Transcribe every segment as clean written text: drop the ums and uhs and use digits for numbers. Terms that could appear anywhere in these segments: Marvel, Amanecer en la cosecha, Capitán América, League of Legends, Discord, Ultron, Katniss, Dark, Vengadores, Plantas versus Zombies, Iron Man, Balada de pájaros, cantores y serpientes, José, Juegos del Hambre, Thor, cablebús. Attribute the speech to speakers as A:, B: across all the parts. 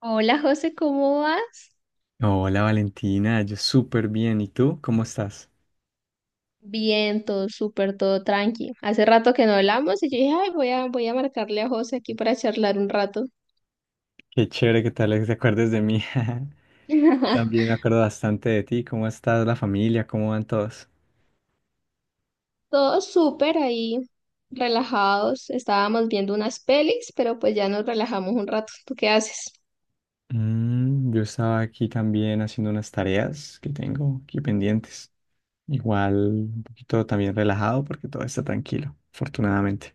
A: Hola José, ¿cómo vas?
B: Hola Valentina, yo súper bien. ¿Y tú? ¿Cómo estás?
A: Bien, todo súper, todo tranqui. Hace rato que no hablamos y yo dije, ay, voy a marcarle a José aquí para charlar un rato.
B: Qué chévere que tal vez te acuerdes de mí. También me acuerdo bastante de ti. ¿Cómo estás, la familia? ¿Cómo van todos?
A: Todo súper ahí, relajados. Estábamos viendo unas pelis, pero pues ya nos relajamos un rato. ¿Tú qué haces?
B: Yo estaba aquí también haciendo unas tareas que tengo aquí pendientes. Igual un poquito también relajado porque todo está tranquilo, afortunadamente.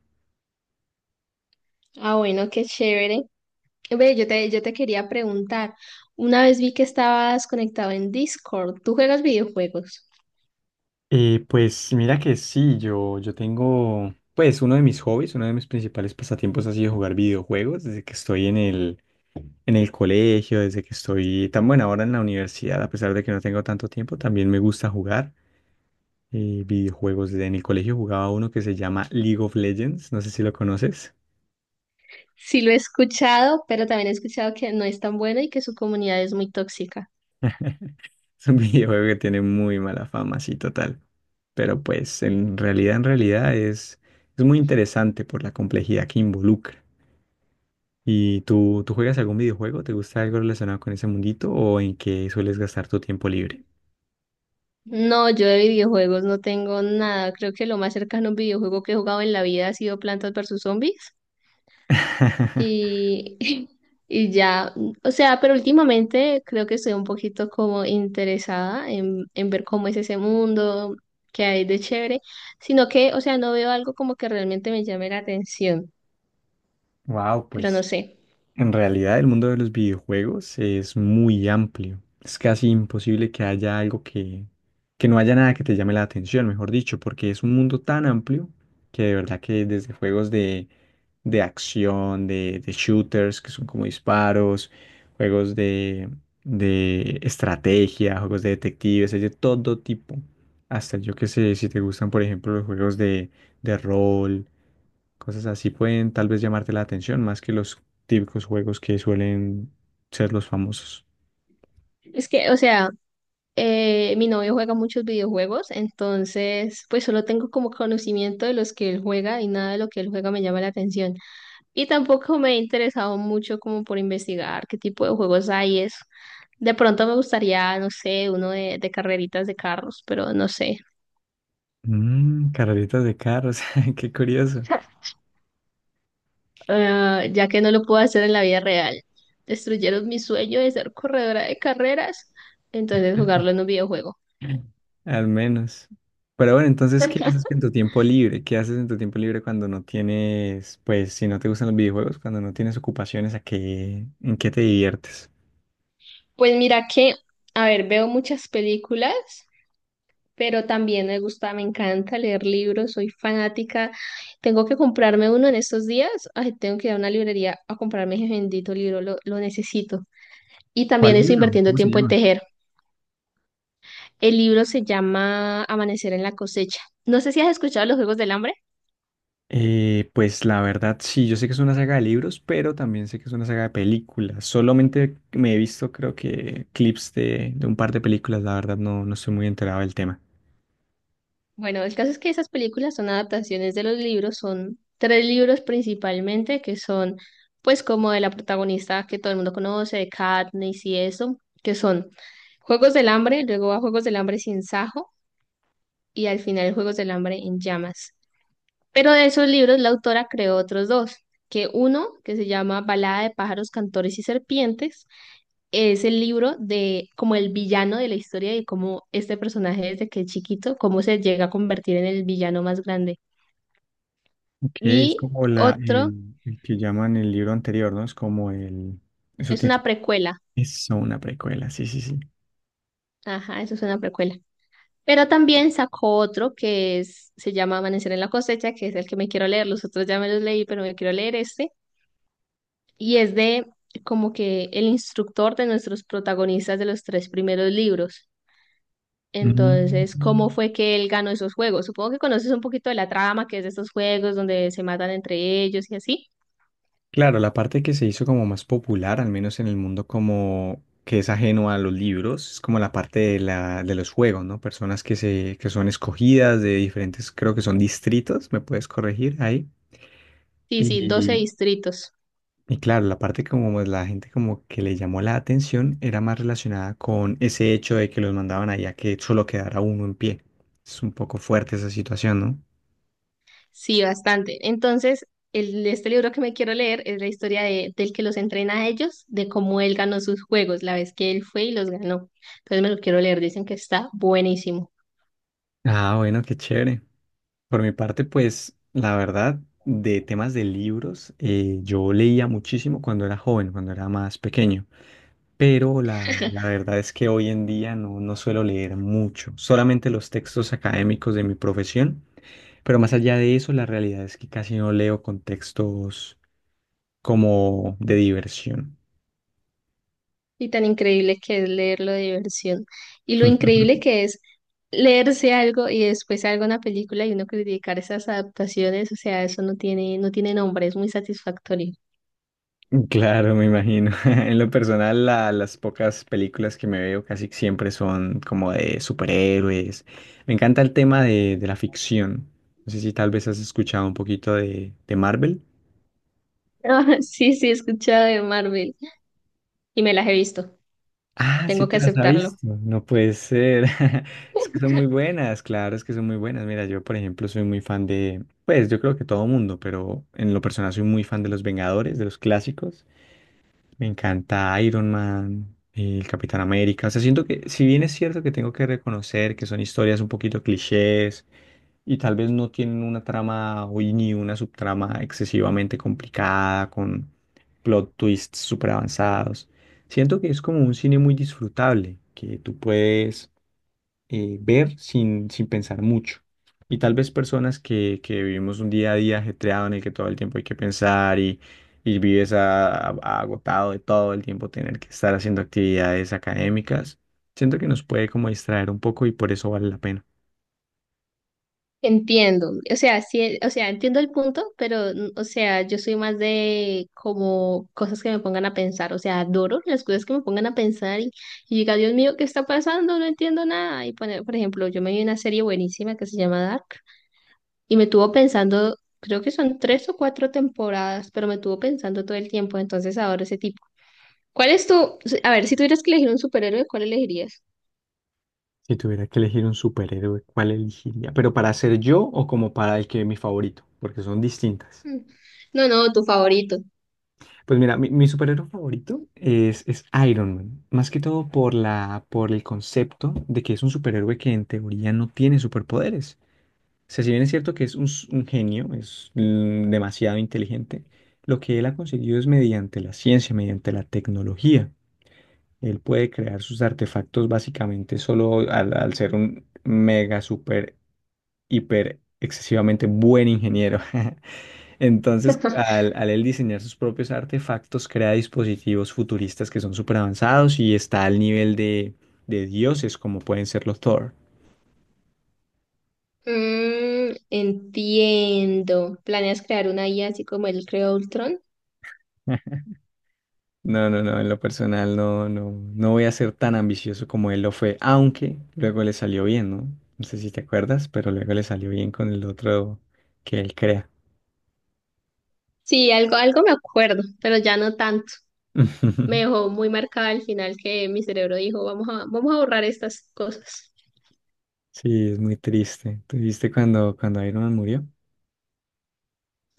A: Ah, bueno, qué chévere. Ve, yo te quería preguntar. Una vez vi que estabas conectado en Discord. ¿Tú juegas videojuegos?
B: Pues mira que sí, yo tengo, pues uno de mis hobbies, uno de mis principales pasatiempos ha sido jugar videojuegos desde que estoy en el colegio, desde que estoy tan buena ahora en la universidad, a pesar de que no tengo tanto tiempo, también me gusta jugar videojuegos. Desde en el colegio jugaba uno que se llama League of Legends, no sé si lo conoces.
A: Sí, lo he escuchado, pero también he escuchado que no es tan bueno y que su comunidad es muy tóxica.
B: Es un videojuego que tiene muy mala fama, sí, total. Pero pues en realidad es muy interesante por la complejidad que involucra. ¿Y tú juegas algún videojuego? ¿Te gusta algo relacionado con ese mundito o en qué sueles gastar tu tiempo libre?
A: No, yo de videojuegos no tengo nada. Creo que lo más cercano a un videojuego que he jugado en la vida ha sido Plantas versus Zombies. Y, y ya, o sea, pero últimamente creo que estoy un poquito como interesada en ver cómo es ese mundo, qué hay de chévere, sino que, o sea, no veo algo como que realmente me llame la atención,
B: Wow,
A: pero no
B: pues
A: sé.
B: en realidad, el mundo de los videojuegos es muy amplio. Es casi imposible que haya algo que no haya nada que te llame la atención, mejor dicho, porque es un mundo tan amplio que de verdad que desde juegos de acción, de shooters, que son como disparos, juegos de estrategia, juegos de detectives, hay de todo tipo. Hasta yo que sé, si te gustan, por ejemplo, los juegos de rol, cosas así pueden tal vez llamarte la atención más que los típicos juegos que suelen ser los famosos.
A: Es que, o sea, mi novio juega muchos videojuegos, entonces, pues solo tengo como conocimiento de los que él juega y nada de lo que él juega me llama la atención. Y tampoco me he interesado mucho como por investigar qué tipo de juegos hay y eso. De pronto me gustaría, no sé, uno de carreritas de carros, pero no sé.
B: Carreritas de carros, qué curioso,
A: Ah, ya que no lo puedo hacer en la vida real. Destruyeron mi sueño de ser corredora de carreras, entonces jugarlo en un videojuego.
B: al menos. Pero bueno, entonces, ¿qué haces en tu tiempo libre? ¿Qué haces en tu tiempo libre cuando no tienes, pues, si no te gustan los videojuegos, cuando no tienes ocupaciones, ¿a qué, en qué te diviertes?
A: Pues mira que, a ver, veo muchas películas, pero también me gusta, me encanta leer libros, soy fanática. Tengo que comprarme uno en estos días. Ay, tengo que ir a una librería a comprarme ese bendito libro, lo necesito. Y también
B: ¿Cuál
A: estoy
B: libro?
A: invirtiendo
B: ¿Cómo se
A: tiempo en
B: llama?
A: tejer. El libro se llama Amanecer en la cosecha. No sé si has escuchado los Juegos del Hambre.
B: Pues la verdad, sí, yo sé que es una saga de libros, pero también sé que es una saga de películas. Solamente me he visto, creo que, clips de un par de películas, la verdad, no, no estoy muy enterado del tema.
A: Bueno, el caso es que esas películas son adaptaciones de los libros, son tres libros principalmente, que son pues como de la protagonista que todo el mundo conoce, de Katniss y eso, que son Juegos del Hambre, luego a Juegos del Hambre sin Sajo y al final Juegos del Hambre en llamas. Pero de esos libros la autora creó otros dos, que uno, que se llama Balada de pájaros, cantores y serpientes, es el libro de como el villano de la historia y cómo este personaje desde que es chiquito, cómo se llega a convertir en el villano más grande.
B: Ok, es
A: Y
B: como
A: otro
B: el que llaman el libro anterior, ¿no? Es como el… Eso
A: es
B: tiene…
A: una precuela.
B: Eso, una precuela, sí, sí, sí.
A: Ajá, eso es una precuela. Pero también sacó otro que es, se llama Amanecer en la cosecha, que es el que me quiero leer. Los otros ya me los leí, pero me quiero leer este y es de como que el instructor de nuestros protagonistas de los tres primeros libros. Entonces, ¿cómo
B: Mm.
A: fue que él ganó esos juegos? Supongo que conoces un poquito de la trama, que es de estos juegos donde se matan entre ellos y así.
B: Claro, la parte que se hizo como más popular, al menos en el mundo como que es ajeno a los libros, es como la parte de de los juegos, ¿no? Personas que son escogidas de diferentes, creo que son distritos, me puedes corregir ahí.
A: Sí, sí, 12
B: Y,
A: distritos.
B: y claro, la parte como más la gente como que le llamó la atención era más relacionada con ese hecho de que los mandaban allá que solo quedara uno en pie. Es un poco fuerte esa situación, ¿no?
A: Sí, bastante. Entonces, este libro que me quiero leer es la historia de, del que los entrena a ellos, de cómo él ganó sus juegos, la vez que él fue y los ganó. Entonces me lo quiero leer, dicen que está buenísimo.
B: Ah, bueno, qué chévere. Por mi parte, pues la verdad, de temas de libros, yo leía muchísimo cuando era joven, cuando era más pequeño, pero la verdad es que hoy en día no, no suelo leer mucho, solamente los textos académicos de mi profesión, pero más allá de eso, la realidad es que casi no leo con textos como de diversión.
A: Y tan increíble que es leerlo de diversión. Y lo increíble que es leerse algo y después algo una película y uno criticar esas adaptaciones, o sea, eso no tiene, no tiene nombre, es muy satisfactorio.
B: Claro, me imagino. En lo personal, las pocas películas que me veo casi siempre son como de superhéroes. Me encanta el tema de la ficción. No sé si tal vez has escuchado un poquito de Marvel.
A: Ah, sí, sí, he escuchado de Marvel y me las he visto,
B: Ah, sí
A: tengo que
B: te las has
A: aceptarlo.
B: visto. No puede ser. Es que son muy buenas, claro, es que son muy buenas. Mira, yo, por ejemplo, soy muy fan de, pues yo creo que todo mundo, pero en lo personal soy muy fan de los Vengadores, de los clásicos. Me encanta Iron Man, el Capitán América. O sea, siento que, si bien es cierto que tengo que reconocer que son historias un poquito clichés y tal vez no tienen una trama o ni una subtrama excesivamente complicada con plot twists súper avanzados, siento que es como un cine muy disfrutable, que tú puedes ver sin, sin pensar mucho. Y tal vez personas que vivimos un día a día ajetreado en el que todo el tiempo hay que pensar y vives agotado de todo el tiempo tener que estar haciendo actividades académicas, siento que nos puede como distraer un poco y por eso vale la pena.
A: Entiendo, o sea, sí, o sea, entiendo el punto, pero, o sea, yo soy más de como cosas que me pongan a pensar, o sea, adoro las cosas que me pongan a pensar y diga, Dios mío, ¿qué está pasando? No entiendo nada. Y poner, por ejemplo, yo me vi una serie buenísima que se llama Dark y me tuvo pensando, creo que son tres o cuatro temporadas, pero me tuvo pensando todo el tiempo, entonces adoro ese tipo. ¿Cuál es tu, a ver, si tuvieras que elegir un superhéroe, ¿cuál elegirías?
B: Si tuviera que elegir un superhéroe, ¿cuál elegiría? ¿Pero para ser yo o como para el que es mi favorito? Porque son distintas.
A: Mm, no, no, tu favorito.
B: Pues mira, mi superhéroe favorito es Iron Man, más que todo por por el concepto de que es un superhéroe que en teoría no tiene superpoderes. O sea, si bien es cierto que es un genio, es demasiado inteligente, lo que él ha conseguido es mediante la ciencia, mediante la tecnología. Él puede crear sus artefactos básicamente solo al ser un mega, super, hiper, excesivamente buen ingeniero. Entonces, al él diseñar sus propios artefactos, crea dispositivos futuristas que son súper avanzados y está al nivel de dioses como pueden ser los Thor.
A: Mm, entiendo. ¿Planeas crear una IA así como el creó Ultron?
B: No, no, no, en lo personal no, no, no voy a ser tan ambicioso como él lo fue, aunque luego le salió bien, ¿no? No sé si te acuerdas, pero luego le salió bien con el otro que él crea.
A: Sí, algo, algo me acuerdo, pero ya no tanto. Me dejó muy marcada al final que mi cerebro dijo, vamos a borrar estas cosas.
B: Sí, es muy triste. ¿Tú viste cuando Iron Man murió?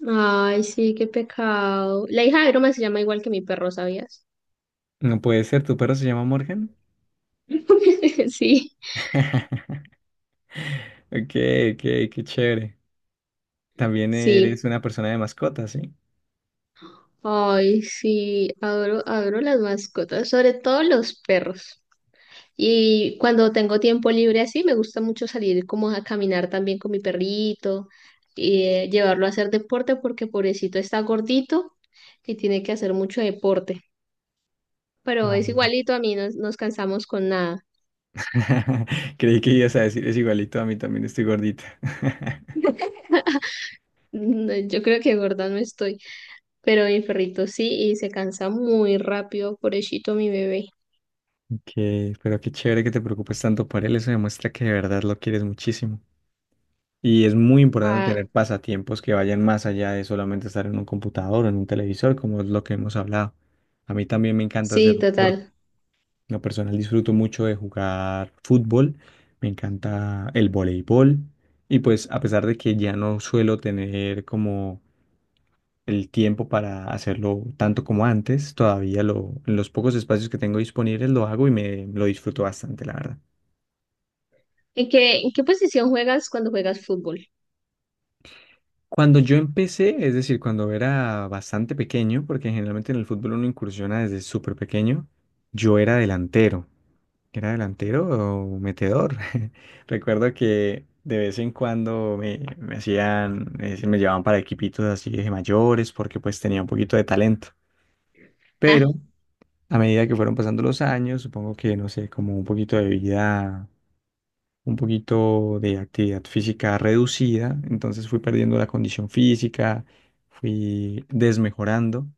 A: Ay, sí, qué pecado. La hija de Iron Man se llama igual que mi perro, ¿sabías?
B: No puede ser, ¿tu perro se llama Morgan?
A: Sí,
B: Ok, ok, qué chévere. También
A: sí.
B: eres una persona de mascotas, ¿sí?
A: Ay, sí, adoro, adoro las mascotas, sobre todo los perros. Y cuando tengo tiempo libre así, me gusta mucho salir como a caminar también con mi perrito y llevarlo a hacer deporte porque pobrecito está gordito y tiene que hacer mucho deporte. Pero es
B: Claro.
A: igualito a mí, no nos cansamos con nada.
B: Creí que ibas a decir, es igualito a mí, también estoy gordita.
A: No, yo creo que gorda no estoy, pero mi perrito sí y se cansa muy rápido, pobrecito mi bebé.
B: Que, pero qué chévere que te preocupes tanto por él, eso demuestra que de verdad lo quieres muchísimo. Y es muy importante
A: Ah,
B: tener pasatiempos que vayan más allá de solamente estar en un computador o en un televisor, como es lo que hemos hablado. A mí también me encanta hacer
A: sí,
B: deporte.
A: total.
B: En lo personal disfruto mucho de jugar fútbol, me encanta el voleibol y pues a pesar de que ya no suelo tener como el tiempo para hacerlo tanto como antes, todavía lo, en los pocos espacios que tengo disponibles lo hago y me lo disfruto bastante, la verdad.
A: ¿En qué posición juegas cuando juegas fútbol?
B: Cuando yo empecé, es decir, cuando era bastante pequeño, porque generalmente en el fútbol uno incursiona desde súper pequeño, yo era delantero. ¿Era delantero o metedor? Recuerdo que de vez en cuando me hacían, es decir, me llevaban para equipitos así de mayores porque pues tenía un poquito de talento.
A: Ah,
B: Pero a medida que fueron pasando los años, supongo que, no sé, como un poquito de vida un poquito de actividad física reducida, entonces fui perdiendo la condición física, fui desmejorando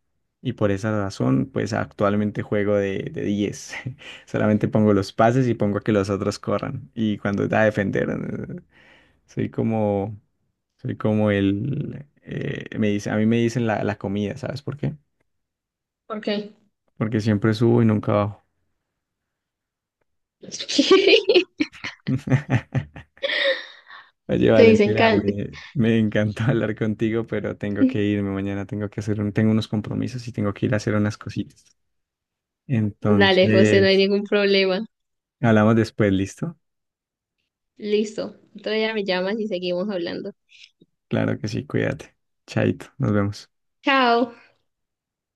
B: y por esa razón pues actualmente juego de 10. Solamente pongo los pases y pongo a que los otros corran y cuando da a defender soy como soy como el me dice, a mí me dicen la comida, ¿sabes por qué?
A: ¿por qué?
B: Porque siempre subo y nunca bajo. Oye,
A: Te dicen
B: Valentina,
A: can.
B: me encantó hablar contigo, pero tengo que irme mañana, tengo que hacer tengo unos compromisos y tengo que ir a hacer unas cositas.
A: Dale, José, no hay
B: Entonces,
A: ningún problema.
B: hablamos después, ¿listo?
A: Listo. Otro día me llamas y seguimos hablando.
B: Claro que sí, cuídate. Chaito, nos vemos.
A: Chao.